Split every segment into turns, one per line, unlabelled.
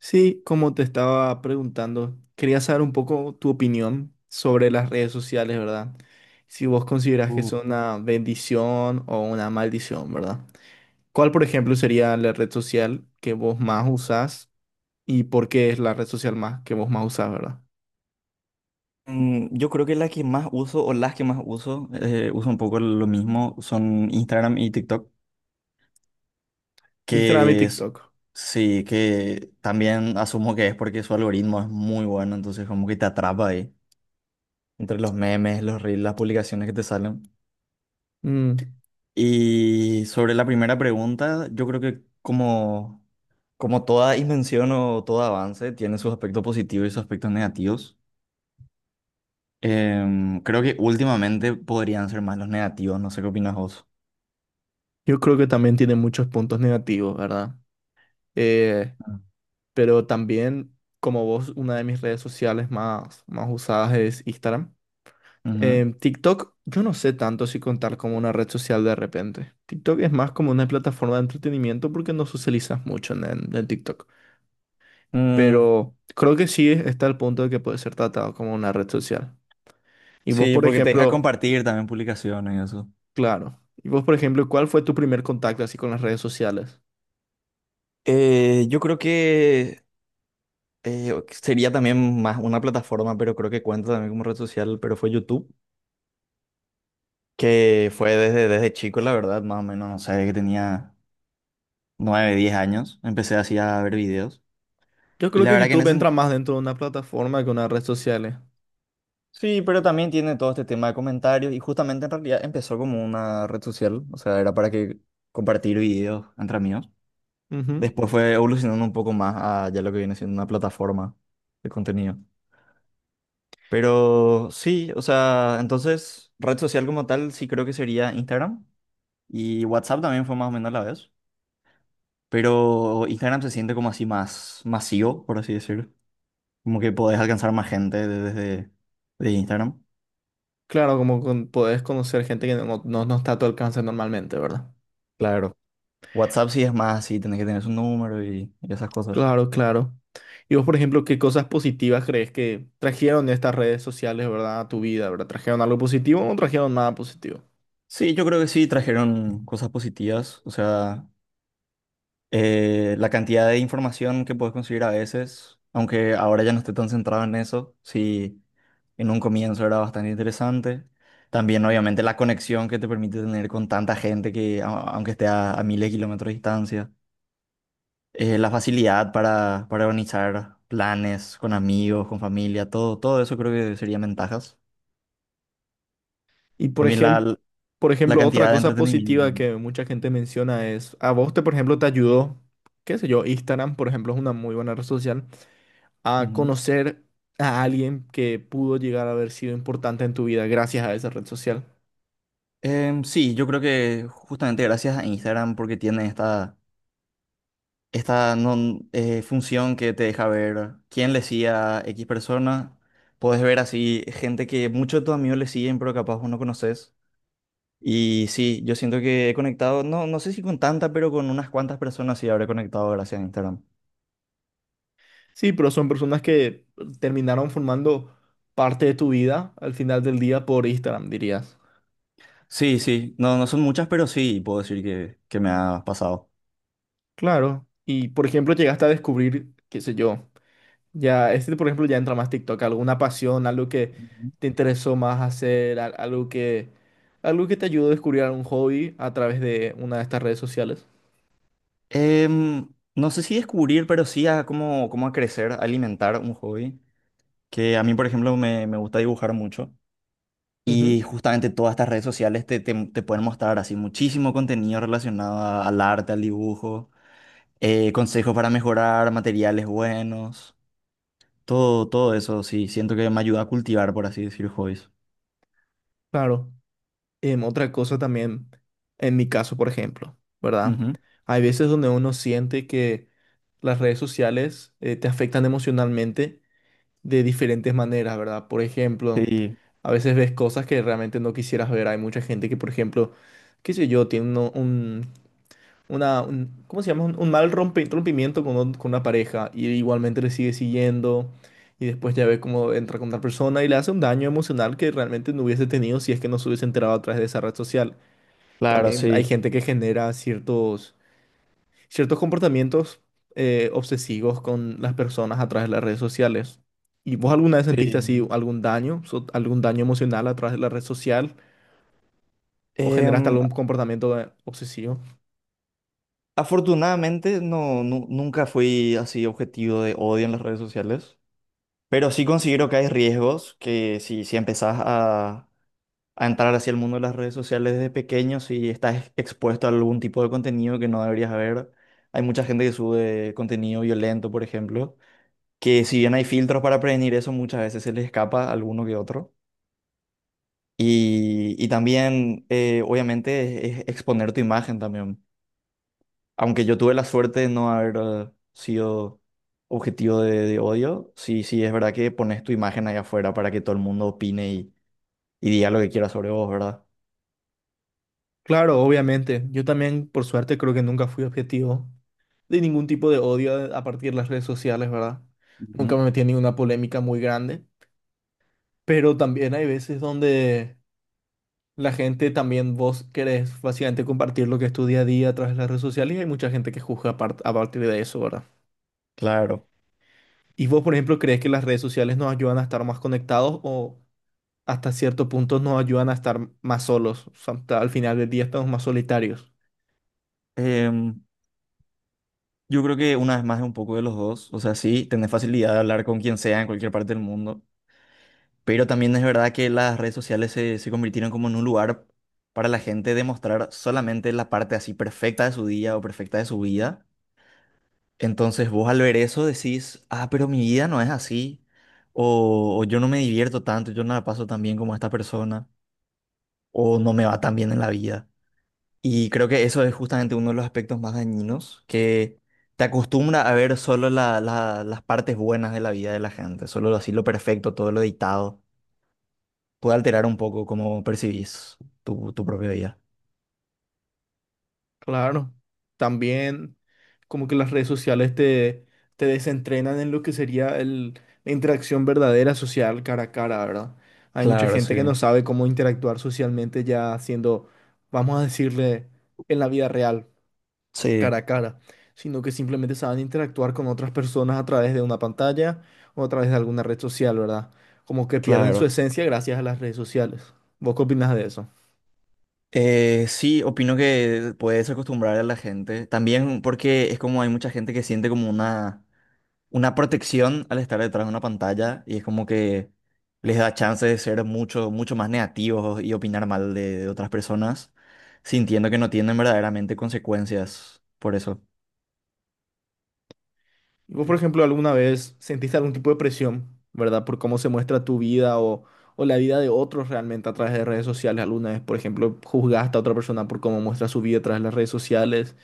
Sí, como te estaba preguntando, quería saber un poco tu opinión sobre las redes sociales, ¿verdad? Si vos considerás que
Uh,
son una bendición o una maldición, ¿verdad? ¿Cuál, por ejemplo, sería la red social que vos más usás y por qué es la red social más que vos más usás, ¿verdad?
Yo creo que la que más uso o las que más uso, uso un poco lo mismo, son Instagram y TikTok,
Instagram y
que es-
TikTok.
sí, que también asumo que es porque su algoritmo es muy bueno, entonces como que te atrapa ahí, entre los memes, los reels, las publicaciones que te salen.
Mm,
Y sobre la primera pregunta, yo creo que como toda invención o todo avance, tiene sus aspectos positivos y sus aspectos negativos. Creo que últimamente podrían ser más los negativos, no sé qué opinas vos.
yo creo que también tiene muchos puntos negativos, ¿verdad? Eh, pero también, como vos, una de mis redes sociales más usadas es Instagram.
Ujú.
TikTok, yo no sé tanto si contar como una red social de repente. TikTok es más como una plataforma de entretenimiento porque no socializas mucho en TikTok.
Mm,
Pero creo que sí está el punto de que puede ser tratado como una red social. Y vos,
sí,
por
porque te deja
ejemplo,
compartir también publicaciones y eso.
claro. Y vos, por ejemplo, ¿cuál fue tu primer contacto así con las redes sociales?
Yo creo que sería también más una plataforma, pero creo que cuenta también como red social, pero fue YouTube, que fue desde chico, la verdad, más o menos, no sé, que tenía 9 10 años, empecé así a ver videos.
Yo
Y
creo
la
que
verdad que en
YouTube
ese...
entra más dentro de una plataforma que una red social.
Sí, pero también tiene todo este tema de comentarios y justamente en realidad empezó como una red social, o sea, era para que compartir videos entre amigos.
Ujú.
Después fue evolucionando un poco más a ya lo que viene siendo una plataforma de contenido. Pero sí, o sea, entonces red social como tal sí creo que sería Instagram y WhatsApp también fue más o menos a la vez. Pero Instagram se siente como así más masivo, por así decir. Como que podés alcanzar más gente de- desde de Instagram.
Claro, como con, podés conocer gente que no está a tu alcance normalmente, ¿verdad?
Claro. WhatsApp sí es más así, tenés que tener su número y esas cosas.
Claro, claro. Y vos, por ejemplo, ¿qué cosas positivas crees que trajeron estas redes sociales, ¿verdad? A tu vida, ¿verdad? ¿Trajeron algo positivo o no trajeron nada positivo?
Sí, yo creo que sí trajeron cosas positivas. O sea, la cantidad de información que puedes conseguir a veces, aunque ahora ya no esté tan centrado en eso, sí, en un comienzo era bastante interesante. También, obviamente, la conexión que te permite tener con tanta gente que, aunque esté a miles de kilómetros de distancia. La facilidad para organizar planes con amigos, con familia, todo eso creo que serían ventajas.
Y
También la,
por
la
ejemplo, otra
cantidad de
cosa
entretenimiento,
positiva
¿no?
que mucha gente menciona es, a vos te, por ejemplo, te ayudó, qué sé yo, Instagram, por ejemplo, es una muy buena red social, a
Ujú.
conocer a alguien que pudo llegar a haber sido importante en tu vida gracias a esa red social.
Sí, yo creo que justamente gracias a Instagram porque tiene esta función que te deja ver quién le sigue a X persona. Puedes ver así gente que muchos de tus amigos le siguen, pero capaz vos no conoces. Y sí, yo siento que he conectado, no, no sé si con tanta, pero con unas cuantas personas sí habré conectado gracias a Instagram.
Sí, pero son personas que terminaron formando parte de tu vida al final del día por Instagram, dirías.
Sí, sí, no, no son muchas, pero sí puedo decir que me ha pasado.
Claro, y por ejemplo llegaste a descubrir, qué sé yo, ya, este por ejemplo ya entra más TikTok, alguna pasión, algo que te interesó más hacer, algo que te ayudó a descubrir algún hobby a través de una de estas redes sociales.
Em, no sé si descubrir, pero sí a cómo, cómo a crecer, a alimentar un hobby. Que a mí, por ejemplo, me gusta dibujar mucho.
Ujú,
Y justamente todas estas redes sociales te pueden mostrar así muchísimo contenido relacionado al arte, al dibujo, consejos para mejorar, materiales buenos, todo eso, sí, siento que me ayuda a cultivar, por así decir, hobbies.
claro. Otra cosa también, en mi caso por ejemplo, ¿verdad?
Ujú.
Hay veces donde uno siente que las redes sociales te afectan emocionalmente de diferentes maneras, ¿verdad? Por ejemplo,
Sí,
a veces ves cosas que realmente no quisieras ver. Hay mucha gente que, por ejemplo, qué sé yo, tiene un, una, ¿cómo se llama? Un rompimiento con, con una pareja y igualmente le sigue siguiendo y después ya ve cómo entra con otra persona y le hace un daño emocional que realmente no hubiese tenido si es que no se hubiese enterado a través de esa red social.
claro,
También hay
sí,
gente que genera ciertos comportamientos obsesivos con las personas a través de las redes sociales. ¿Y vos alguna vez sentiste así
sí.
algún daño, algún daño emocional a través de la red social o generaste
Em,
algún comportamiento obsesivo?
Afortunadamente no, nunca fui así objetivo de odio en las redes sociales, pero sí considero que hay riesgos que si empezás a entrar hacia el mundo de las redes sociales desde pequeño si estás expuesto a algún tipo de contenido que no deberías ver. Hay mucha gente que sube contenido violento, por ejemplo, que si bien hay filtros para prevenir eso, muchas veces se les escapa alguno que otro. Y también, obviamente, es exponer tu imagen también. Aunque yo tuve la suerte de no haber sido objetivo de odio, sí, sí, es verdad que pones tu imagen ahí afuera para que todo el mundo opine y diga lo que quiera sobre vos, ¿verdad?
Claro, obviamente. Yo también, por suerte, creo que nunca fui objetivo de ningún tipo de odio a partir de las redes sociales, ¿verdad? Nunca
Ujú.
me metí en ninguna polémica muy grande, pero también hay veces donde la gente también, vos querés básicamente compartir lo que es tu día a día a través de las redes sociales y hay mucha gente que juzga a partir de eso, ¿verdad?
Claro.
¿Y vos, por ejemplo, crees que las redes sociales nos ayudan a estar más conectados o hasta cierto punto nos ayudan a estar más solos? O sea, hasta al final del día estamos más solitarios.
Em, yo creo que una vez más es un poco de los dos. O sea, sí, tener facilidad de hablar con quien sea en cualquier parte del mundo. Pero también es verdad que las redes sociales se convirtieron como en un lugar para la gente demostrar solamente la parte así perfecta de su día o perfecta de su vida. Entonces vos al ver eso decís, ah, pero mi vida no es así. O yo no me divierto tanto, yo no la paso tan bien como esta persona. O no me va tan bien en la vida. Y creo que eso es justamente uno de los aspectos más dañinos, que te acostumbra a ver solo las partes buenas de la vida de la gente, solo así lo perfecto, todo lo editado. Puede alterar un poco cómo percibís tu propia vida.
Claro, también como que las redes sociales te desentrenan en lo que sería el, la interacción verdadera social cara a cara, ¿verdad? Hay mucha
Claro,
gente
sí.
que no sabe cómo interactuar socialmente ya siendo, vamos a decirle, en la vida real, cara
Sí,
a cara, sino que simplemente saben interactuar con otras personas a través de una pantalla o a través de alguna red social, ¿verdad? Como que pierden su
claro.
esencia gracias a las redes sociales. ¿Vos qué opinás de eso?
Sí, opino que puedes acostumbrar a la gente. También porque es como hay mucha gente que siente como una protección al estar detrás de una pantalla y es como que les da chance de ser mucho más negativos y opinar mal de otras personas, sintiendo que no tienen verdaderamente consecuencias por eso.
¿Y vos, por ejemplo, alguna vez sentiste algún tipo de presión, ¿verdad? Por cómo se muestra tu vida o la vida de otros realmente a través de redes sociales. ¿Alguna vez, por ejemplo, juzgaste a otra persona por cómo muestra su vida a través de las redes sociales?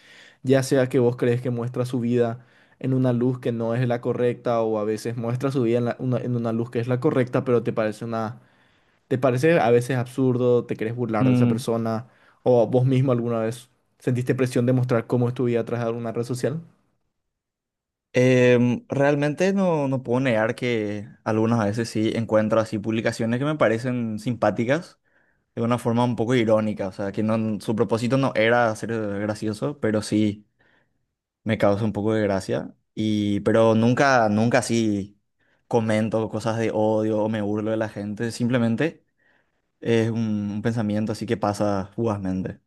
Ya sea que vos crees que muestra su vida en una luz que no es la correcta o a veces muestra su vida en, en una luz que es la correcta, pero te parece una, te parece a veces absurdo, te querés burlar de esa
Mm,
persona o vos mismo alguna vez sentiste presión de mostrar cómo es tu vida a través de alguna red social.
Realmente no, no puedo negar que algunas veces sí encuentro así publicaciones que me parecen simpáticas de una forma un poco irónica, o sea, que no, su propósito no era ser gracioso, pero sí me causa un poco de gracia, y, pero nunca así comento cosas de odio o me burlo de la gente, simplemente es un pensamiento así que pasa fugazmente.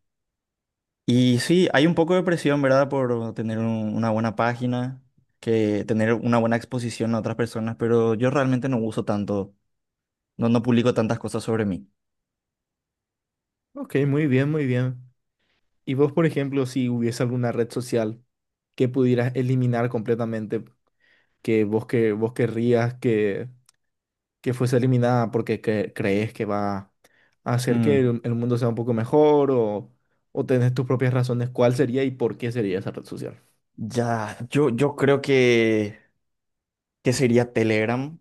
Y sí, hay un poco de presión, ¿verdad? Por tener una buena página, que tener una buena exposición a otras personas, pero yo realmente no uso tanto, no, no publico tantas cosas sobre mí.
Ok, muy bien, muy bien. Y vos, por ejemplo, si hubiese alguna red social que pudieras eliminar completamente, que, vos querrías que fuese eliminada porque crees que va a hacer que
Mm,
el mundo sea un poco mejor o tenés tus propias razones, ¿cuál sería y por qué sería esa red social?
yo creo que sería Telegram.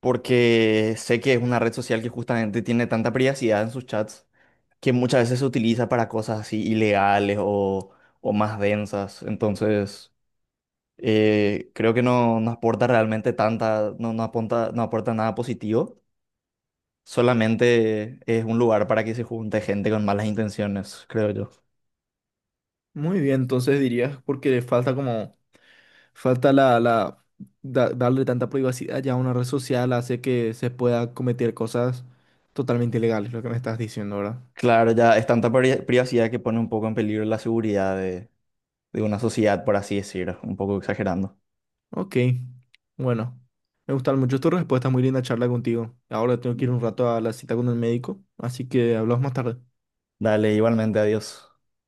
Porque sé que es una red social que justamente tiene tanta privacidad en sus chats que muchas veces se utiliza para cosas así ilegales o más densas. Entonces, creo que no, no aporta realmente tanta, no, no aporta nada positivo. Solamente es un lugar para que se junte gente con malas intenciones, creo yo.
Muy bien, entonces dirías porque falta como, falta la, la, darle tanta privacidad ya a una red social hace que se pueda cometer cosas totalmente ilegales, lo que me estás diciendo, ¿verdad?
Claro, ya es tanta privacidad que pone un poco en peligro la seguridad de una sociedad, por así decirlo, un poco exagerando.
Ok, bueno, me gustaron mucho tus respuestas, muy linda charla contigo. Ahora tengo que ir un rato a la cita con el médico, así que hablamos más tarde.
Dale, igualmente, adiós.